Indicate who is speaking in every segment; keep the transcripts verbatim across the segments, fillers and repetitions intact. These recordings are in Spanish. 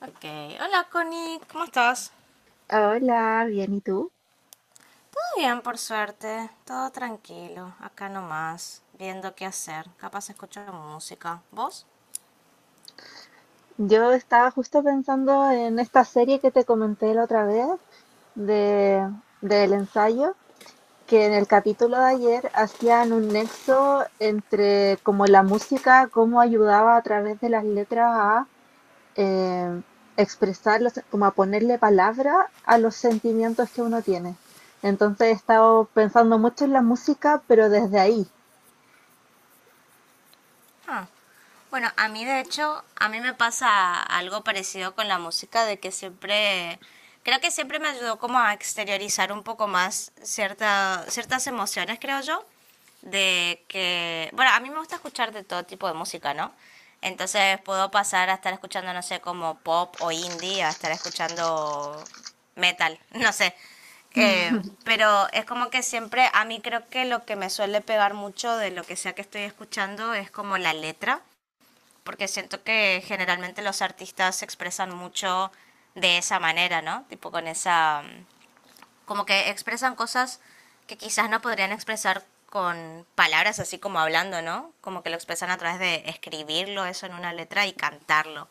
Speaker 1: Ok, hola Connie, ¿cómo estás?
Speaker 2: Hola, bien, ¿y tú?
Speaker 1: Todo bien, por suerte, todo tranquilo, acá nomás, viendo qué hacer, capaz escucho música. ¿Vos?
Speaker 2: Yo estaba justo pensando en esta serie que te comenté la otra vez de, del ensayo, que en el capítulo de ayer hacían un nexo entre como la música, cómo ayudaba a través de las letras a eh, expresar, como a ponerle palabra a los sentimientos que uno tiene. Entonces he estado pensando mucho en la música, pero desde ahí.
Speaker 1: Ah, bueno, a mí de hecho, a mí me pasa algo parecido con la música, de que siempre, creo que siempre me ayudó como a exteriorizar un poco más cierta, ciertas emociones, creo yo, de que, bueno, a mí me gusta escuchar de todo tipo de música, ¿no? Entonces puedo pasar a estar escuchando, no sé, como pop o indie, a estar escuchando metal, no sé. Eh, pero es como que siempre, a mí creo que lo que me suele pegar mucho de lo que sea que estoy escuchando es como la letra, porque siento que generalmente los artistas se expresan mucho de esa manera, ¿no? Tipo con esa, como que expresan cosas que quizás no podrían expresar con palabras así como hablando, ¿no? Como que lo expresan a través de escribirlo eso en una letra y cantarlo.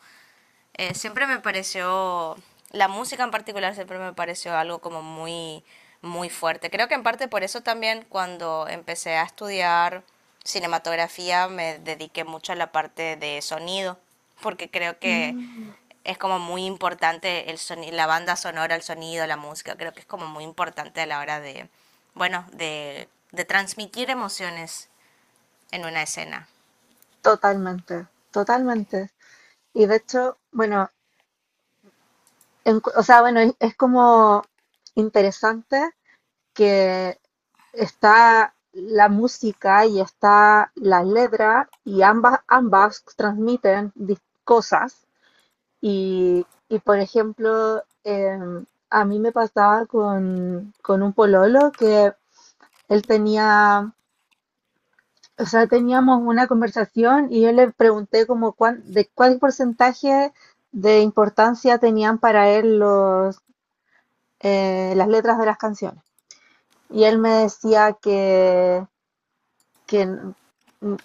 Speaker 1: eh, Siempre me pareció, la música en particular siempre me pareció algo como muy, muy fuerte. Creo que en parte por eso también cuando empecé a estudiar cinematografía me dediqué mucho a la parte de sonido, porque creo que es como muy importante el soni- la banda sonora, el sonido, la música, creo que es como muy importante a la hora de, bueno, de, de transmitir emociones en una escena.
Speaker 2: Totalmente, totalmente. Y de hecho, bueno, en- o sea, bueno, es, es como interesante que está la música y está la letra y ambas, ambas transmiten dis- cosas. Y, y, por ejemplo, em, a mí me pasaba con, con un pololo que él tenía, o sea, teníamos una conversación y yo le pregunté como cuán- de cuál porcentaje de importancia tenían para él los eh, las letras de las canciones. Y él me decía que, que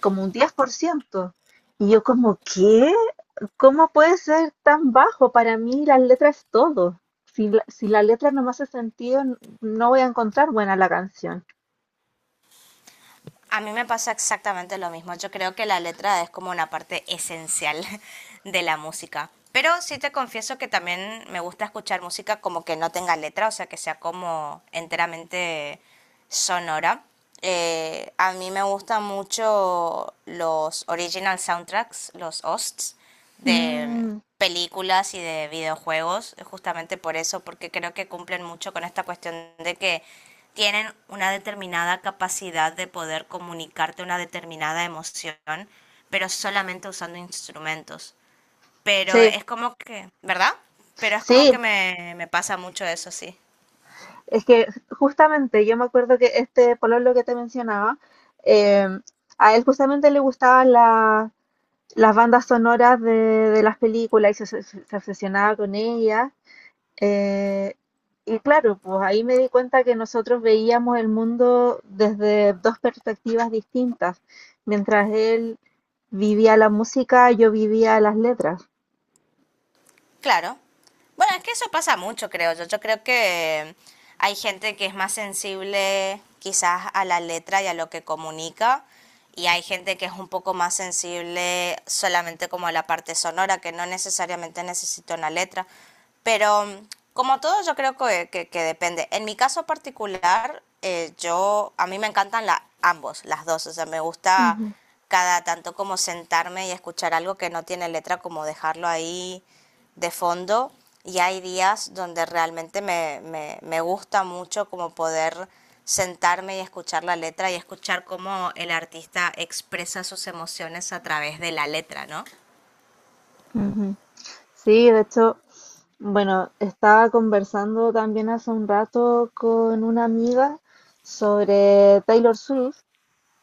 Speaker 2: como un diez por ciento. Y yo como, ¿qué? ¿Cómo puede ser tan bajo? Para mí las letras es todo. Si la, si la letra no me hace sentido, no voy a encontrar buena la canción.
Speaker 1: A mí me pasa exactamente lo mismo. Yo creo que la letra es como una parte esencial de la música. Pero sí te confieso que también me gusta escuchar música como que no tenga letra, o sea, que sea como enteramente sonora. Eh, a mí me gustan mucho los original soundtracks, los O S Ts de
Speaker 2: Mm,
Speaker 1: películas y de videojuegos, justamente por eso, porque creo que cumplen mucho con esta cuestión de que tienen una determinada capacidad de poder comunicarte una determinada emoción, pero solamente usando instrumentos. Pero
Speaker 2: sí,
Speaker 1: es como que, ¿verdad? Pero es como que
Speaker 2: sí.
Speaker 1: me, me pasa mucho eso, sí.
Speaker 2: Es que justamente yo me acuerdo que este pololo que te mencionaba, em, a él justamente le gustaban la, las bandas sonoras de, de las películas y se, se- se obsesionaba con ellas. eh, y claro, pues ahí me di cuenta que nosotros veíamos el mundo desde dos perspectivas distintas. Mientras él vivía la música, yo vivía las letras.
Speaker 1: Claro. Bueno, es que eso pasa mucho, creo yo. Yo creo que hay gente que es más sensible quizás a la letra y a lo que comunica, y hay gente que es un poco más sensible solamente como a la parte sonora, que no necesariamente necesita una letra. Pero como todo, yo creo que, que- que depende. En mi caso particular, eh, yo, a mí me encantan la, ambos, las dos. O sea, me gusta
Speaker 2: Ujú.
Speaker 1: cada tanto como sentarme y escuchar algo que no tiene letra, como dejarlo ahí de fondo, y hay días donde realmente me, me, me gusta mucho como poder sentarme y escuchar la letra y escuchar cómo el artista expresa sus emociones a través de la letra, ¿no?
Speaker 2: Ujú. Sí, de hecho, bueno, estaba conversando también hace un rato con una amiga sobre Taylor Swift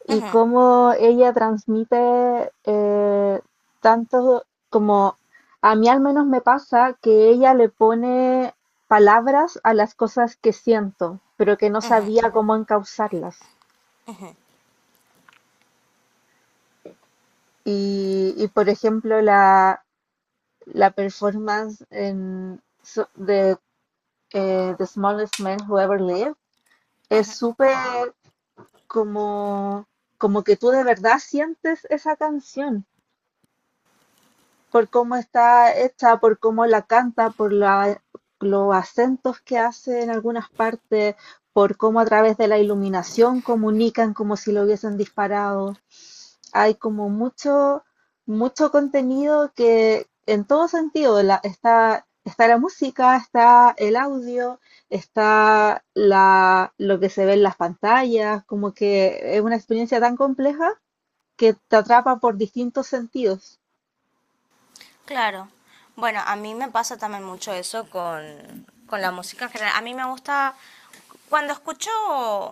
Speaker 2: y
Speaker 1: Ujú.
Speaker 2: cómo ella transmite eh, tanto como a mí al menos me pasa que ella le pone palabras a las cosas que siento, pero que no sabía cómo encauzarlas. Y, y, por ejemplo, la, la performance en, so- de eh, The Smallest Man Who Ever Lived es súper como, como que tú de verdad sientes esa canción, por cómo está hecha, por cómo la canta, por la- los acentos que hace en algunas partes, por cómo a través de la iluminación comunican como si lo hubiesen disparado. Hay como mucho, mucho contenido que en todo sentido la- está, está la música, está el audio, está la, lo que se ve en las pantallas, como que es una experiencia tan compleja que te atrapa por distintos sentidos.
Speaker 1: Claro. Bueno, a mí me pasa también mucho eso con, con la música en general. A mí me gusta, cuando escucho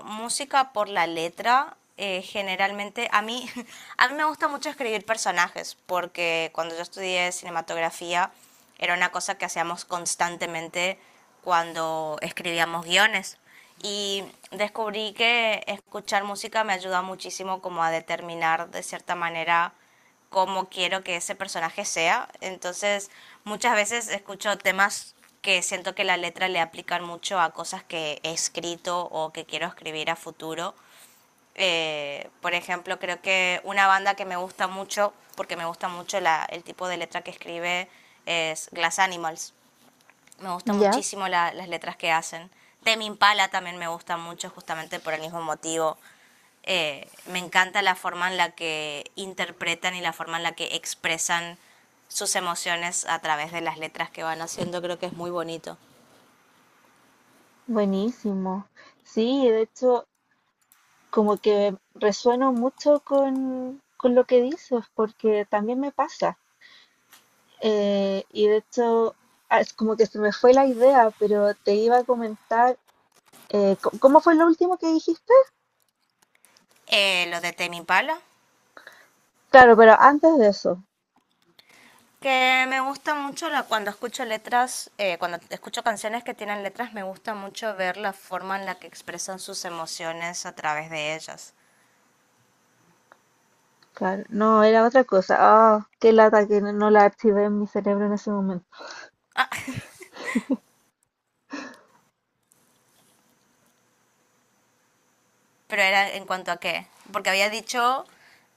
Speaker 1: música por la letra, eh, generalmente, a mí, a mí me gusta mucho escribir personajes, porque cuando yo estudié cinematografía era una cosa que hacíamos constantemente cuando escribíamos guiones. Y descubrí que escuchar música me ayuda muchísimo como a determinar de cierta manera cómo quiero que ese personaje sea. Entonces, muchas veces escucho temas que siento que la letra le aplican mucho a cosas que he escrito o que quiero escribir a futuro. Eh, por ejemplo, creo que una banda que me gusta mucho, porque me gusta mucho la- el tipo de letra que escribe, es Glass Animals. Me gustan
Speaker 2: ¿Ya?
Speaker 1: muchísimo la- las letras que hacen. Temi Impala también me gusta mucho, justamente por el mismo motivo. Eh, me encanta la forma en la que interpretan y la forma en la que expresan sus emociones a través de las letras que van haciendo. Creo que es muy bonito.
Speaker 2: Buenísimo. Sí, de hecho, como que resueno mucho con, con lo que dices, porque también me pasa. Eh, y de hecho, ah, es como que se me fue la idea, pero te iba a comentar, eh, co- ¿cómo fue lo último que dijiste?
Speaker 1: Eh, lo de Temi Impala,
Speaker 2: Claro, pero antes de eso,
Speaker 1: que me gusta mucho la- cuando escucho letras, eh, cuando escucho canciones que tienen letras, me gusta mucho ver la forma en la que expresan sus emociones a través de ellas.
Speaker 2: claro, no, era otra cosa. Ah, qué lata que no no la activé en mi cerebro en ese momento.
Speaker 1: Pero era en cuanto a qué. Porque había dicho,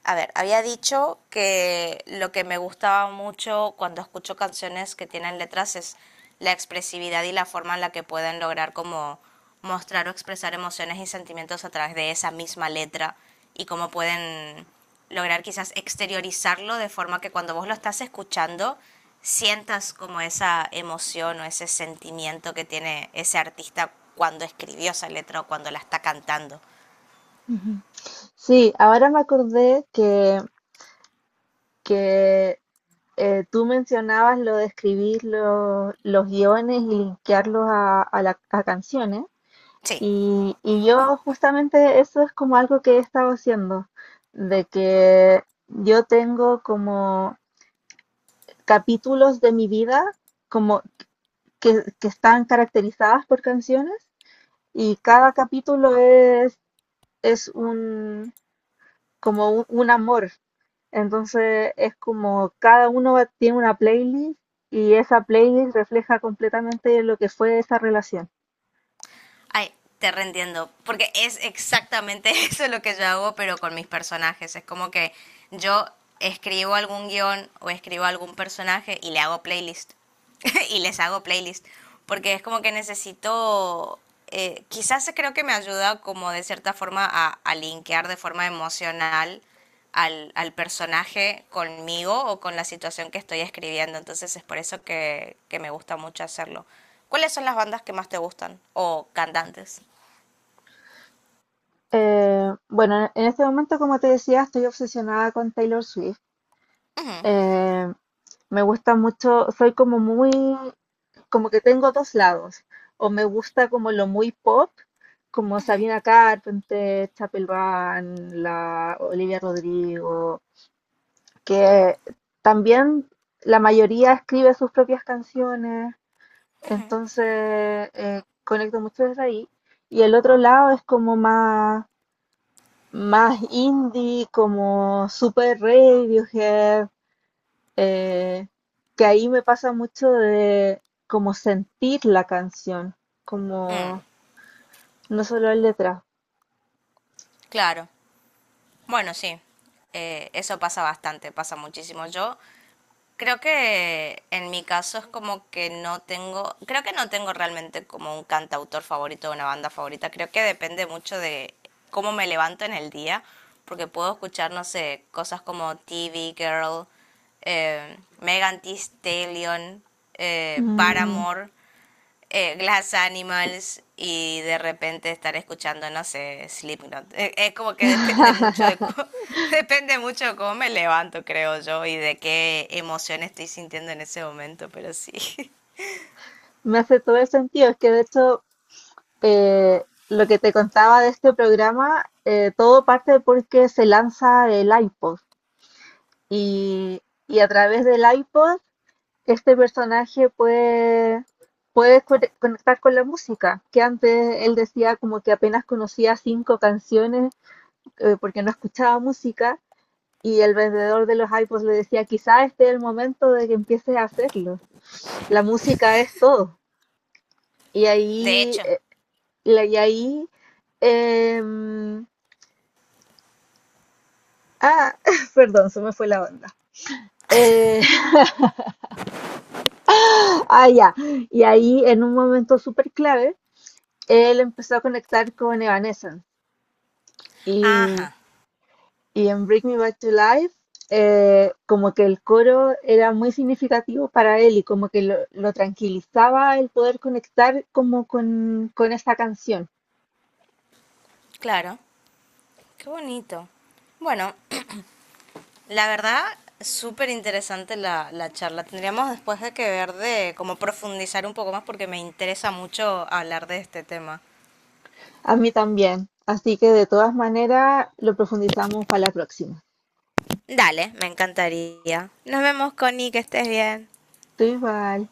Speaker 1: a ver, había dicho que lo que me gustaba mucho cuando escucho canciones que tienen letras es la expresividad y la forma en la que pueden lograr como mostrar o expresar emociones y sentimientos a través de esa misma letra y cómo pueden lograr quizás exteriorizarlo de forma que cuando vos lo estás escuchando sientas como esa emoción o ese sentimiento que tiene ese artista cuando escribió esa letra o cuando la está cantando.
Speaker 2: Ujú. Sí, ahora me acordé que, que Eh, tú mencionabas lo de escribir lo- los guiones y linkearlos a, a la- a canciones.
Speaker 1: Sí,
Speaker 2: Y, y yo justamente eso es como algo que he estado haciendo, de que yo tengo como capítulos de mi vida como que, que están caracterizadas por canciones y cada capítulo es, es un, como un un amor. Entonces es como cada uno va- tiene una playlist y esa playlist refleja completamente lo que fue esa relación.
Speaker 1: ay, te reentiendo, porque es exactamente eso lo que yo hago, pero con mis personajes. Es como que yo escribo algún guión o escribo algún personaje y le hago playlist. Y les hago playlist, porque es como que necesito, eh, quizás creo que me ayuda como de cierta forma a, a linkear de forma emocional al, al personaje conmigo o con la situación que estoy escribiendo, entonces es por eso que, que me gusta mucho hacerlo. ¿Cuáles son las bandas que más te gustan o cantantes?
Speaker 2: Eh, bueno, en este momento, como te decía, estoy obsesionada con Taylor Swift.
Speaker 1: Ujú,
Speaker 2: Eh, me gusta mucho, soy como muy, como que tengo dos lados. O me gusta como lo muy pop, como Sabrina Carpenter, Chapel Van, la Olivia Rodrigo, que también la mayoría escribe sus propias canciones. Entonces, eh, conecto mucho desde ahí. Y el otro lado es como más, más indie, como super Radiohead, eh, que ahí me pasa mucho de como sentir la canción,
Speaker 1: mm,
Speaker 2: como no solo la letra.
Speaker 1: claro, bueno, sí, eh, eso pasa bastante, pasa muchísimo. Yo creo que en mi caso es como que no tengo, creo que no tengo realmente como un cantautor favorito o una banda favorita. Creo que depende mucho de cómo me levanto en el día, porque puedo escuchar, no sé, cosas como T V Girl, eh, Megan Thee Stallion, eh,
Speaker 2: Mm.
Speaker 1: Paramore, eh, Glass Animals, y de repente estar escuchando, no sé, Slipknot. Eh, Es como que depende mucho de co- depende mucho de cómo me levanto, creo yo, y de qué emoción estoy sintiendo en ese momento, pero sí.
Speaker 2: Me hace todo el sentido, es que de hecho eh, lo que te contaba de este programa, eh, todo parte porque se lanza el iPod. Y, y a través del iPod, este personaje puede, puede co- conectar con la música, que antes él decía como que apenas conocía cinco canciones eh, porque no escuchaba música. Y el vendedor de los iPods le decía, quizá este es el momento de que empieces a hacerlo. La música es todo. Y
Speaker 1: De
Speaker 2: ahí,
Speaker 1: hecho.
Speaker 2: eh, la- y ahí, em, ah, perdón, se me fue la onda. Eh, ah, ya. Y ahí, en un momento súper clave, él empezó a conectar con Evanescence y,
Speaker 1: Ajá,
Speaker 2: y en Bring Me Back to Life eh, como que el coro era muy significativo para él y como que lo, lo tranquilizaba el poder conectar como con, con esta canción.
Speaker 1: claro. Qué bonito. Bueno, la verdad, súper interesante la, la charla. Tendríamos después de que ver de cómo profundizar un poco más porque me interesa mucho hablar de este tema.
Speaker 2: A mí también. Así que de todas maneras lo profundizamos para la próxima.
Speaker 1: Dale, me encantaría. Nos vemos, Connie, que estés bien.
Speaker 2: Tú igual.